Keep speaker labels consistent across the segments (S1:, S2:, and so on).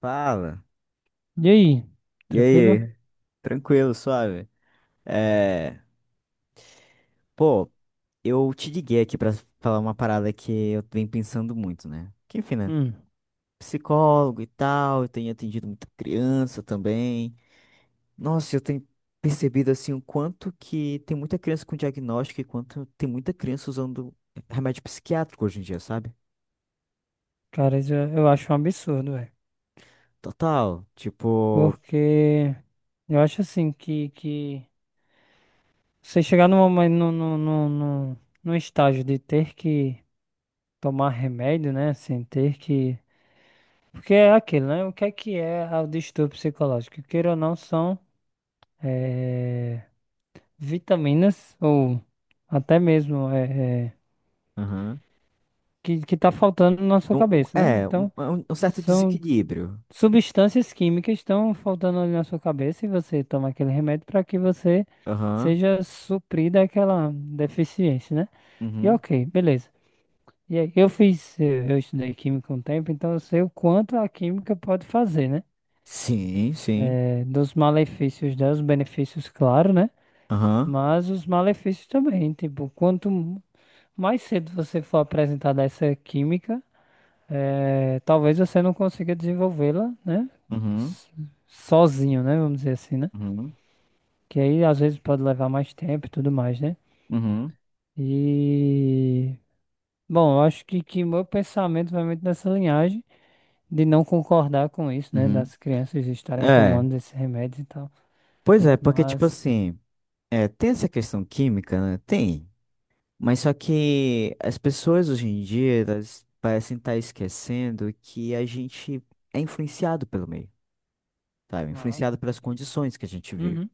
S1: Fala.
S2: E aí,
S1: E
S2: tranquilo?
S1: aí? Tranquilo, suave. É, pô, eu te liguei aqui pra falar uma parada que eu venho pensando muito, né? Que enfim, né?
S2: Hum,
S1: Psicólogo e tal, eu tenho atendido muita criança também. Nossa, eu tenho percebido assim o quanto que tem muita criança com diagnóstico e quanto tem muita criança usando remédio psiquiátrico hoje em dia, sabe?
S2: Cara, isso eu acho um absurdo, velho.
S1: Total, tipo,
S2: Porque eu acho assim que você chegar num momento, num- num estágio de ter que tomar remédio, né? Sem ter que. Porque é aquilo, né? O que é o distúrbio psicológico? Queira ou não, são eh, vitaminas ou até mesmo
S1: aham.
S2: que tá faltando na sua
S1: Um- um-
S2: cabeça, né?
S1: é, um,
S2: Então.
S1: é um- um certo
S2: São
S1: desequilíbrio.
S2: Substâncias químicas estão faltando ali na sua cabeça e você toma aquele remédio para que você
S1: Aham.
S2: seja suprida aquela deficiência, né? E
S1: Uhum.
S2: ok, beleza. E aí, eu estudei química um tempo, então eu sei o quanto a química pode fazer, né?
S1: Sim, sim.
S2: Dos malefícios dela, os benefícios, claro, né?
S1: Aham,
S2: Mas os malefícios também, tipo, quanto mais cedo você for apresentado a essa química, é, talvez você não consiga desenvolvê-la, né?
S1: uhum,
S2: s- Sozinho, né? Vamos dizer assim, né?
S1: uhum,
S2: Que aí às vezes pode levar mais tempo e tudo mais, né?
S1: uhum,
S2: E bom, eu acho que meu pensamento vai muito nessa linhagem de não concordar com isso, né?
S1: uhum.
S2: Das crianças estarem
S1: É,
S2: tomando esses remédios e tal.
S1: pois é, porque, tipo
S2: Mas.
S1: assim, tem essa questão química, né? Tem, mas só que as pessoas hoje em dia, elas parecem estar esquecendo que a gente é influenciado pelo meio, sabe?
S2: Ah,
S1: Influenciado pelas
S2: sim.
S1: condições que a gente vive.
S2: Uhum,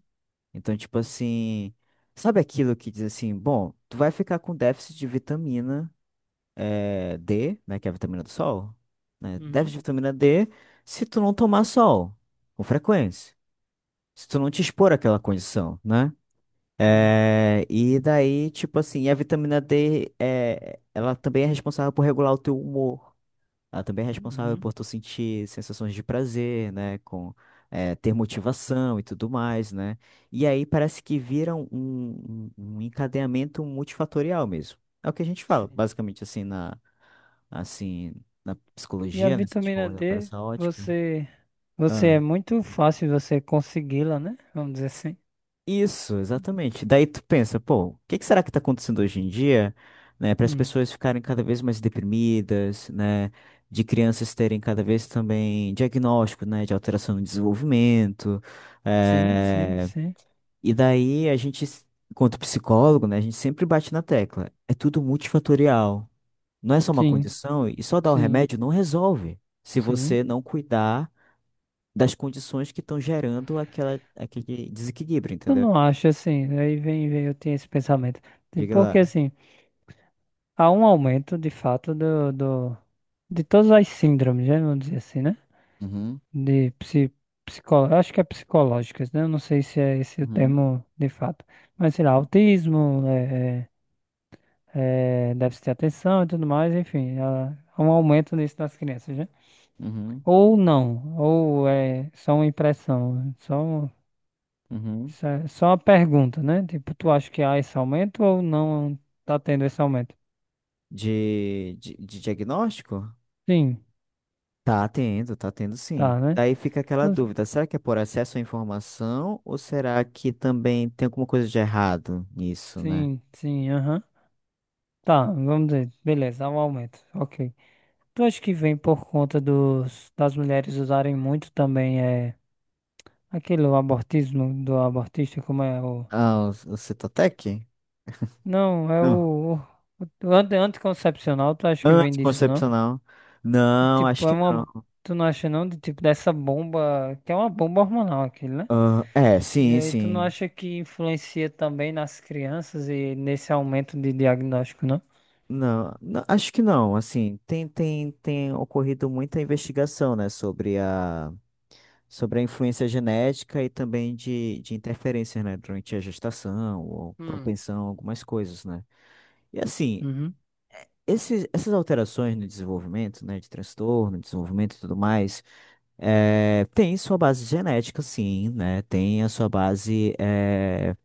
S1: Então, tipo assim, sabe aquilo que diz assim, bom, tu vai ficar com déficit de vitamina D, né, que é a vitamina do sol, né, déficit
S2: uhum,
S1: de vitamina D se tu não tomar sol com frequência, se tu não te expor àquela condição, né?
S2: sim.
S1: É, e daí, tipo assim, a vitamina D, ela também é responsável por regular o teu humor. Ela também é responsável
S2: Uhum,
S1: por tu sentir sensações de prazer, né? Com ter motivação e tudo mais, né? E aí parece que viram um encadeamento multifatorial mesmo. É o que a gente fala,
S2: sim.
S1: basicamente assim assim na
S2: E a
S1: psicologia, né? Se a gente for
S2: vitamina
S1: olhar para
S2: D,
S1: essa ótica.
S2: você. Você é muito fácil você consegui-la, né? Vamos dizer assim.
S1: Isso, exatamente. Daí tu pensa, pô, o que que será que tá acontecendo hoje em dia, né, para as
S2: Hum,
S1: pessoas ficarem cada vez mais deprimidas, né, de crianças terem cada vez também diagnóstico, né, de alteração no desenvolvimento,
S2: sim, sim,
S1: eh,
S2: sim,
S1: e daí a gente, enquanto psicólogo, né, a gente sempre bate na tecla, é tudo multifatorial, não é só uma
S2: sim,
S1: condição e só dar o
S2: sim,
S1: remédio não resolve, se
S2: sim.
S1: você não cuidar das condições que estão gerando aquela, aquele desequilíbrio,
S2: Eu
S1: entendeu?
S2: não acho assim, aí vem, eu tenho esse pensamento.
S1: Diga
S2: Porque
S1: lá.
S2: assim, há um aumento de fato de todas as síndromes, né? Vamos dizer assim, né?
S1: Uhum,
S2: De eu acho que é psicológicas, né? Eu não sei se é esse o
S1: uhum,
S2: termo de fato. Mas sei lá, autismo, déficit de atenção e tudo mais, enfim, há um aumento nisso das crianças, né?
S1: uhum,
S2: Ou não, ou é só uma impressão,
S1: uhum.
S2: Só uma pergunta, né? Tipo, tu acha que há esse aumento ou não tá tendo esse aumento?
S1: De diagnóstico?
S2: Sim,
S1: Tá tendo sim.
S2: tá, né?
S1: Daí fica aquela
S2: Então,
S1: dúvida, será que é por acesso à informação ou será que também tem alguma coisa de errado nisso, né?
S2: sim, sim, aham. Tá, vamos dizer, beleza, há um aumento, ok. Tu acha que vem por conta das mulheres usarem muito também aquele o abortismo do abortista, como é o...
S1: Ah, o Citotec?
S2: Não, é
S1: Não.
S2: o anticoncepcional, tu acha que vem disso, não?
S1: Anticoncepcional? Não, acho
S2: Tipo, é
S1: que
S2: uma.
S1: não.
S2: Tu não acha não de tipo dessa bomba, que é uma bomba hormonal aquilo, né?
S1: Ah, é,
S2: E
S1: sim,
S2: aí, tu não
S1: sim.
S2: acha que influencia também nas crianças e nesse aumento de diagnóstico, não?
S1: Não, não, acho que não. Assim, tem ocorrido muita investigação, né, sobre a influência genética e também de interferências, né, durante a gestação ou
S2: Hum.
S1: propensão a algumas coisas, né? E assim,
S2: Uhum.
S1: essas alterações no desenvolvimento, né, de transtorno, desenvolvimento e tudo mais, tem sua base genética, sim, né? Tem a sua base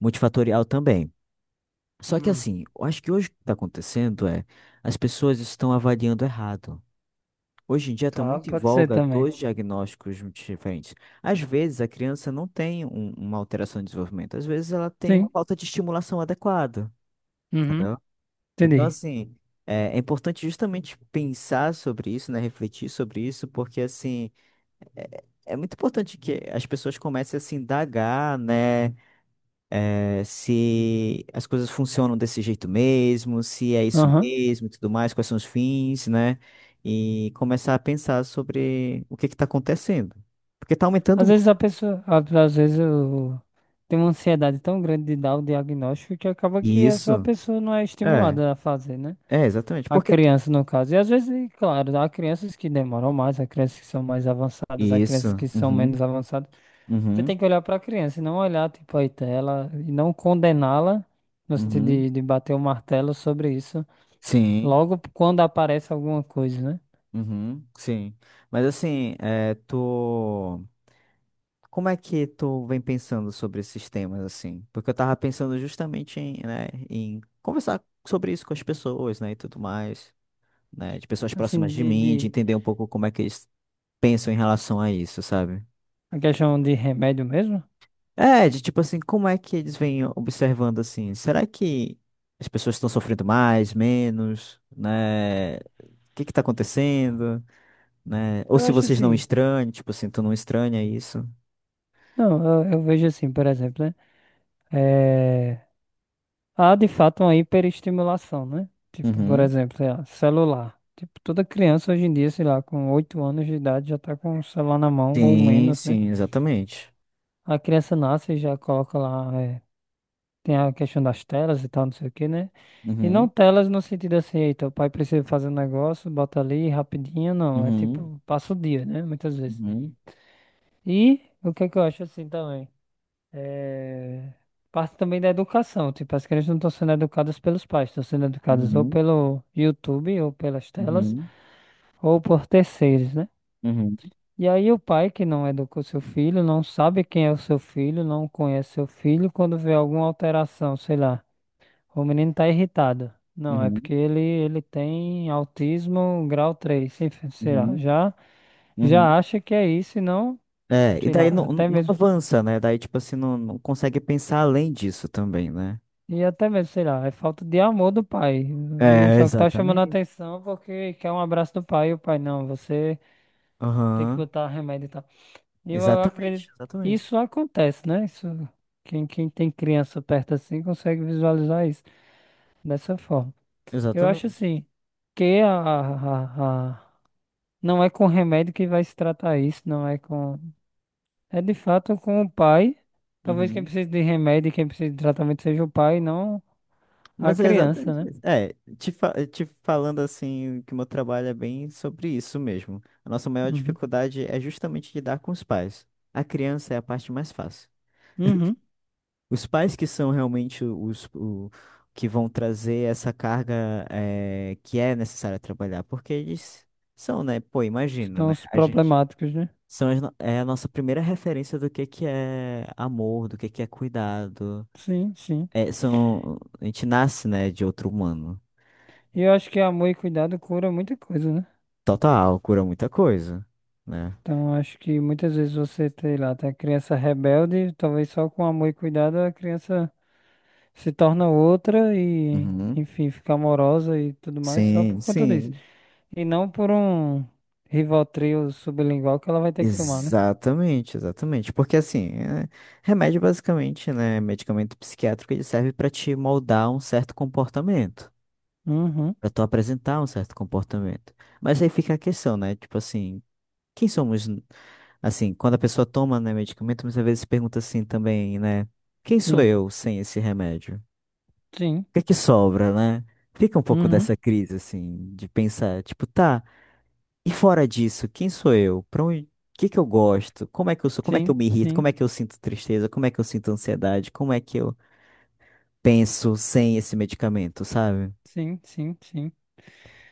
S1: multifatorial também. Só que
S2: Hum.
S1: assim, eu acho que hoje o que está acontecendo é as pessoas estão avaliando errado. Hoje em dia está
S2: Tá,
S1: muito em
S2: pode ser
S1: voga
S2: também.
S1: dois diagnósticos diferentes. Às vezes a criança não tem uma alteração de desenvolvimento, às vezes ela tem uma
S2: Sim.
S1: falta de estimulação adequada,
S2: Uhum.
S1: entendeu? Então,
S2: Entendi.
S1: assim, é importante justamente pensar sobre isso, né? Refletir sobre isso, porque, assim, é muito importante que as pessoas comecem a se indagar, né? Se as coisas funcionam desse jeito mesmo, se é isso
S2: Aham.
S1: mesmo e tudo mais, quais são os fins, né? E começar a pensar sobre o que está acontecendo. Porque tá aumentando
S2: Às
S1: muito.
S2: vezes a pessoa, às vezes eu tem uma ansiedade tão grande de dar o diagnóstico que acaba que é só a sua
S1: Isso.
S2: pessoa não é
S1: É,
S2: estimulada a fazer, né?
S1: é, exatamente.
S2: A
S1: Porque tá
S2: criança, no caso. E às vezes, e claro, há crianças que demoram mais, há crianças que são mais avançadas, há
S1: isso.
S2: crianças que são
S1: Uhum,
S2: menos avançadas. Você
S1: uhum,
S2: tem que olhar para a criança e não olhar, tipo, a tela e não condená-la no sentido
S1: uhum.
S2: de bater o martelo sobre isso
S1: Sim,
S2: logo quando aparece alguma coisa, né?
S1: uhum, sim. Mas assim, é, tu. Como é que tu vem pensando sobre esses temas assim? Porque eu tava pensando justamente em, né, em conversar sobre isso com as pessoas, né, e tudo mais, né, de pessoas próximas
S2: Assim,
S1: de mim, de
S2: de
S1: entender um pouco como é que eles pensam em relação a isso, sabe?
S2: a questão de remédio mesmo,
S1: É, de tipo assim, como é que eles vêm observando assim? Será que as pessoas estão sofrendo mais, menos, né? O que que tá acontecendo, né? Ou
S2: eu
S1: se
S2: acho
S1: vocês não
S2: assim.
S1: estranham, tipo assim, tu não estranha isso?
S2: Não, eu vejo assim, por exemplo, né? É, há de fato uma hiperestimulação, né? Tipo, por
S1: Uhum.
S2: exemplo, sei lá, celular. Tipo, toda criança hoje em dia, sei lá, com 8 anos de idade já tá com o celular na mão ou
S1: Sim,
S2: menos, né?
S1: sim, exatamente.
S2: A criança nasce e já coloca lá. Tem a questão das telas e tal, não sei o quê, né? E não
S1: Uhum.
S2: telas no sentido assim, eita, o pai precisa fazer um negócio, bota ali rapidinho, não. É
S1: Uhum,
S2: tipo, passa o dia, né? Muitas vezes.
S1: uhum,
S2: E o que é que eu acho assim também? É... Parte também da educação, tipo, as crianças não estão sendo educadas pelos pais, estão sendo educadas ou
S1: uhum,
S2: pelo YouTube, ou pelas telas,
S1: uhum,
S2: ou por terceiros, né?
S1: uhum,
S2: E aí o pai que não educou seu filho, não sabe quem é o seu filho, não conhece seu filho, quando vê alguma alteração, sei lá. O menino tá irritado. Não, é porque
S1: uhum,
S2: ele tem autismo grau 3. Sei lá,
S1: uhum,
S2: já,
S1: uhum.
S2: já acha que é isso e não,
S1: É, e
S2: sei
S1: daí não,
S2: lá,
S1: não avança, né? Daí, tipo assim, não, não consegue pensar além disso também, né?
S2: até mesmo, sei lá, é falta de amor do pai. O menino
S1: É,
S2: só que tá chamando a
S1: exatamente.
S2: atenção porque quer um abraço do pai e o pai, não, você tem que
S1: Aham,
S2: botar remédio e tal. E eu
S1: exatamente,
S2: acredito,
S1: exatamente.
S2: isso acontece, né? Isso, quem tem criança perto assim consegue visualizar isso dessa forma. Eu acho
S1: Exatamente.
S2: assim, que não é com remédio que vai se tratar isso, não é com. É de fato com o pai. Talvez quem
S1: Uhum.
S2: precise de remédio e quem precise de tratamento seja o pai, não a
S1: Mas é
S2: criança,
S1: exatamente
S2: né?
S1: isso. É, te falando assim, que o meu trabalho é bem sobre isso mesmo. A nossa maior
S2: Uhum.
S1: dificuldade é justamente lidar com os pais. A criança é a parte mais fácil.
S2: Uhum.
S1: Os pais que são realmente que vão trazer essa carga que é necessária trabalhar, porque eles são, né? Pô, imagina,
S2: São
S1: né?
S2: os
S1: A gente
S2: problemáticos, né?
S1: são as no- é a nossa primeira referência do que é amor, do que é cuidado.
S2: Sim, sim.
S1: É, são A gente nasce, né, de outro humano.
S2: E eu acho que amor e cuidado cura muita coisa, né?
S1: Total, cura muita coisa, né?
S2: Então acho que muitas vezes você, sei lá, tem a criança rebelde, talvez só com amor e cuidado a criança se torna outra e,
S1: Uhum.
S2: enfim, fica amorosa e tudo mais só
S1: Sim,
S2: por conta disso.
S1: sim.
S2: E não por um Rivotril sublingual que ela vai ter que tomar, né?
S1: Exatamente, exatamente. Porque assim, remédio basicamente, né, medicamento psiquiátrico, ele serve para te moldar um certo comportamento,
S2: Uhum,
S1: para tu apresentar um certo comportamento. Mas aí fica a questão, né? Tipo assim, quem somos n- assim, quando a pessoa toma, né, medicamento, muitas vezes se pergunta assim também, né, quem sou
S2: sim,
S1: eu sem esse remédio? O
S2: sim,
S1: que é que sobra, né? Fica um pouco
S2: uhum,
S1: dessa crise assim de pensar, tipo, tá, e fora disso, quem sou eu? Para onde. O que que eu gosto? Como é que eu sou? Como é que eu
S2: sim,
S1: me irrito? Como
S2: sim,
S1: é que eu sinto tristeza? Como é que eu sinto ansiedade? Como é que eu penso sem esse medicamento, sabe?
S2: sim, sim, sim.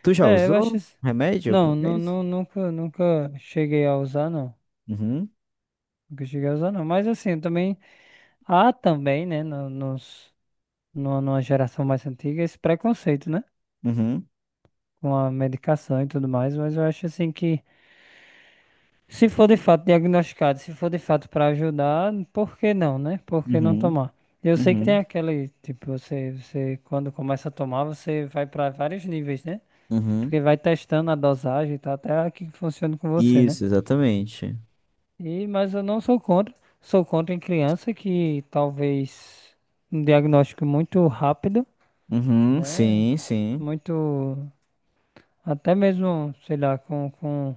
S1: Tu já
S2: É, eu acho
S1: usou
S2: isso.
S1: remédio alguma
S2: Não,
S1: vez?
S2: nunca, nunca cheguei a usar, não.
S1: Uhum,
S2: Nunca cheguei a usar, não. Mas assim, eu também há também, né, nos, numa geração mais antiga, esse preconceito, né?
S1: uhum,
S2: Com a medicação e tudo mais, mas eu acho assim que. Se for de fato diagnosticado, se for de fato para ajudar, por que não, né? Por que não
S1: uhum,
S2: tomar? Eu sei que tem
S1: uhum,
S2: aquele, tipo, você quando começa a tomar, você vai para vários níveis, né?
S1: uhum.
S2: Porque vai testando a dosagem e tal, até a que funciona com você, né?
S1: Isso, exatamente.
S2: E, mas eu não sou contra. Sou contra em criança que talvez um diagnóstico muito rápido,
S1: Uhum,
S2: né?
S1: sim, sim,
S2: Muito, até mesmo, sei lá, com,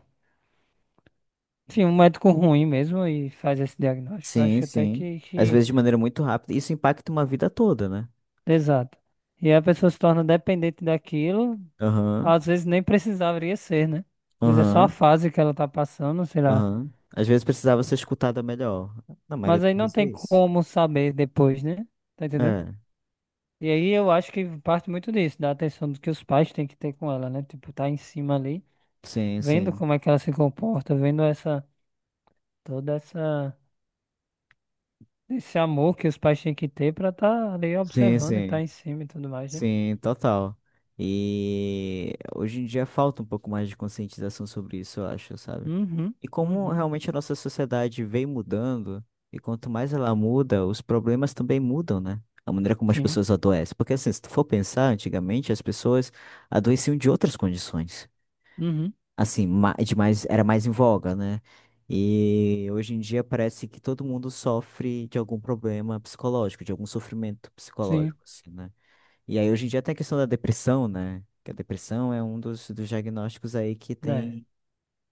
S2: enfim, um médico ruim mesmo e faz esse diagnóstico. Eu
S1: sim,
S2: acho até
S1: sim.
S2: que,
S1: Às
S2: que
S1: vezes de maneira muito rápida. Isso impacta uma vida toda, né?
S2: Exato. E aí a pessoa se torna dependente daquilo,
S1: Aham,
S2: às vezes nem precisaria ser, né? Às vezes é só a
S1: aham,
S2: fase que ela tá passando, sei lá.
S1: aham. Às vezes precisava ser escutada melhor. Na maioria
S2: Mas
S1: das
S2: aí não
S1: vezes é
S2: tem
S1: isso.
S2: como saber depois, né? Tá entendendo?
S1: É,
S2: E aí eu acho que parte muito disso, da atenção que os pais têm que ter com ela, né? Tipo, tá em cima ali,
S1: sim,
S2: vendo
S1: sim.
S2: como é que ela se comporta, vendo essa, toda essa, esse amor que os pais têm que ter pra tá ali
S1: Sim,
S2: observando e tá
S1: sim.
S2: em cima e tudo mais, né?
S1: Sim, total. E hoje em dia falta um pouco mais de conscientização sobre isso, eu acho, sabe?
S2: Uhum,
S1: E como
S2: uhum,
S1: realmente a nossa sociedade vem mudando, e quanto mais ela muda, os problemas também mudam, né? A maneira como as
S2: sim,
S1: pessoas adoecem. Porque assim, se tu for pensar, antigamente as pessoas adoeciam de outras condições.
S2: uhum,
S1: Assim, era mais em voga, né? E hoje em dia parece que todo mundo sofre de algum problema psicológico, de algum sofrimento
S2: sim,
S1: psicológico, assim, né? E aí hoje em dia até a questão da depressão, né? Que a depressão é um dos diagnósticos aí que
S2: né?
S1: tem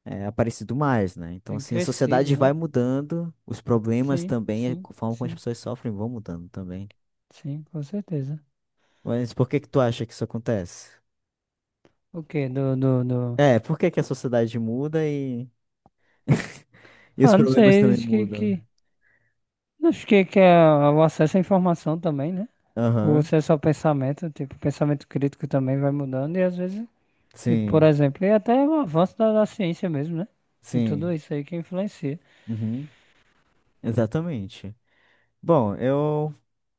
S1: aparecido mais, né? Então,
S2: Tem
S1: assim, a
S2: crescido,
S1: sociedade
S2: né?
S1: vai mudando, os problemas
S2: Sim,
S1: também, a
S2: sim,
S1: forma como as
S2: sim,
S1: pessoas sofrem vão mudando também.
S2: sim, com certeza.
S1: Mas por que que tu acha que isso acontece?
S2: O quê? Do.
S1: É, por que que a sociedade muda e os
S2: Ah, não
S1: problemas
S2: sei,
S1: também mudam?
S2: acho que é o acesso à informação também, né? O
S1: Aham,
S2: acesso ao pensamento, tipo, o pensamento crítico também vai mudando e às vezes, tipo, por
S1: sim.
S2: exemplo, e até o avanço da ciência mesmo, né? Tem tudo
S1: Sim,
S2: isso aí que influencia.
S1: uhum, exatamente. Bom, eu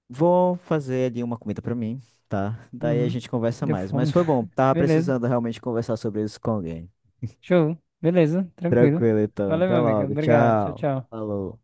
S1: vou fazer ali uma comida pra mim, tá? Daí a
S2: Uhum.
S1: gente conversa
S2: Deu
S1: mais. Mas
S2: fome.
S1: foi bom, tava
S2: Beleza.
S1: precisando realmente conversar sobre isso com alguém.
S2: Show. Beleza, tranquilo.
S1: Tranquilo, então.
S2: Valeu,
S1: Até
S2: meu amigo.
S1: logo.
S2: Obrigado. Tchau,
S1: Tchau.
S2: tchau.
S1: Falou.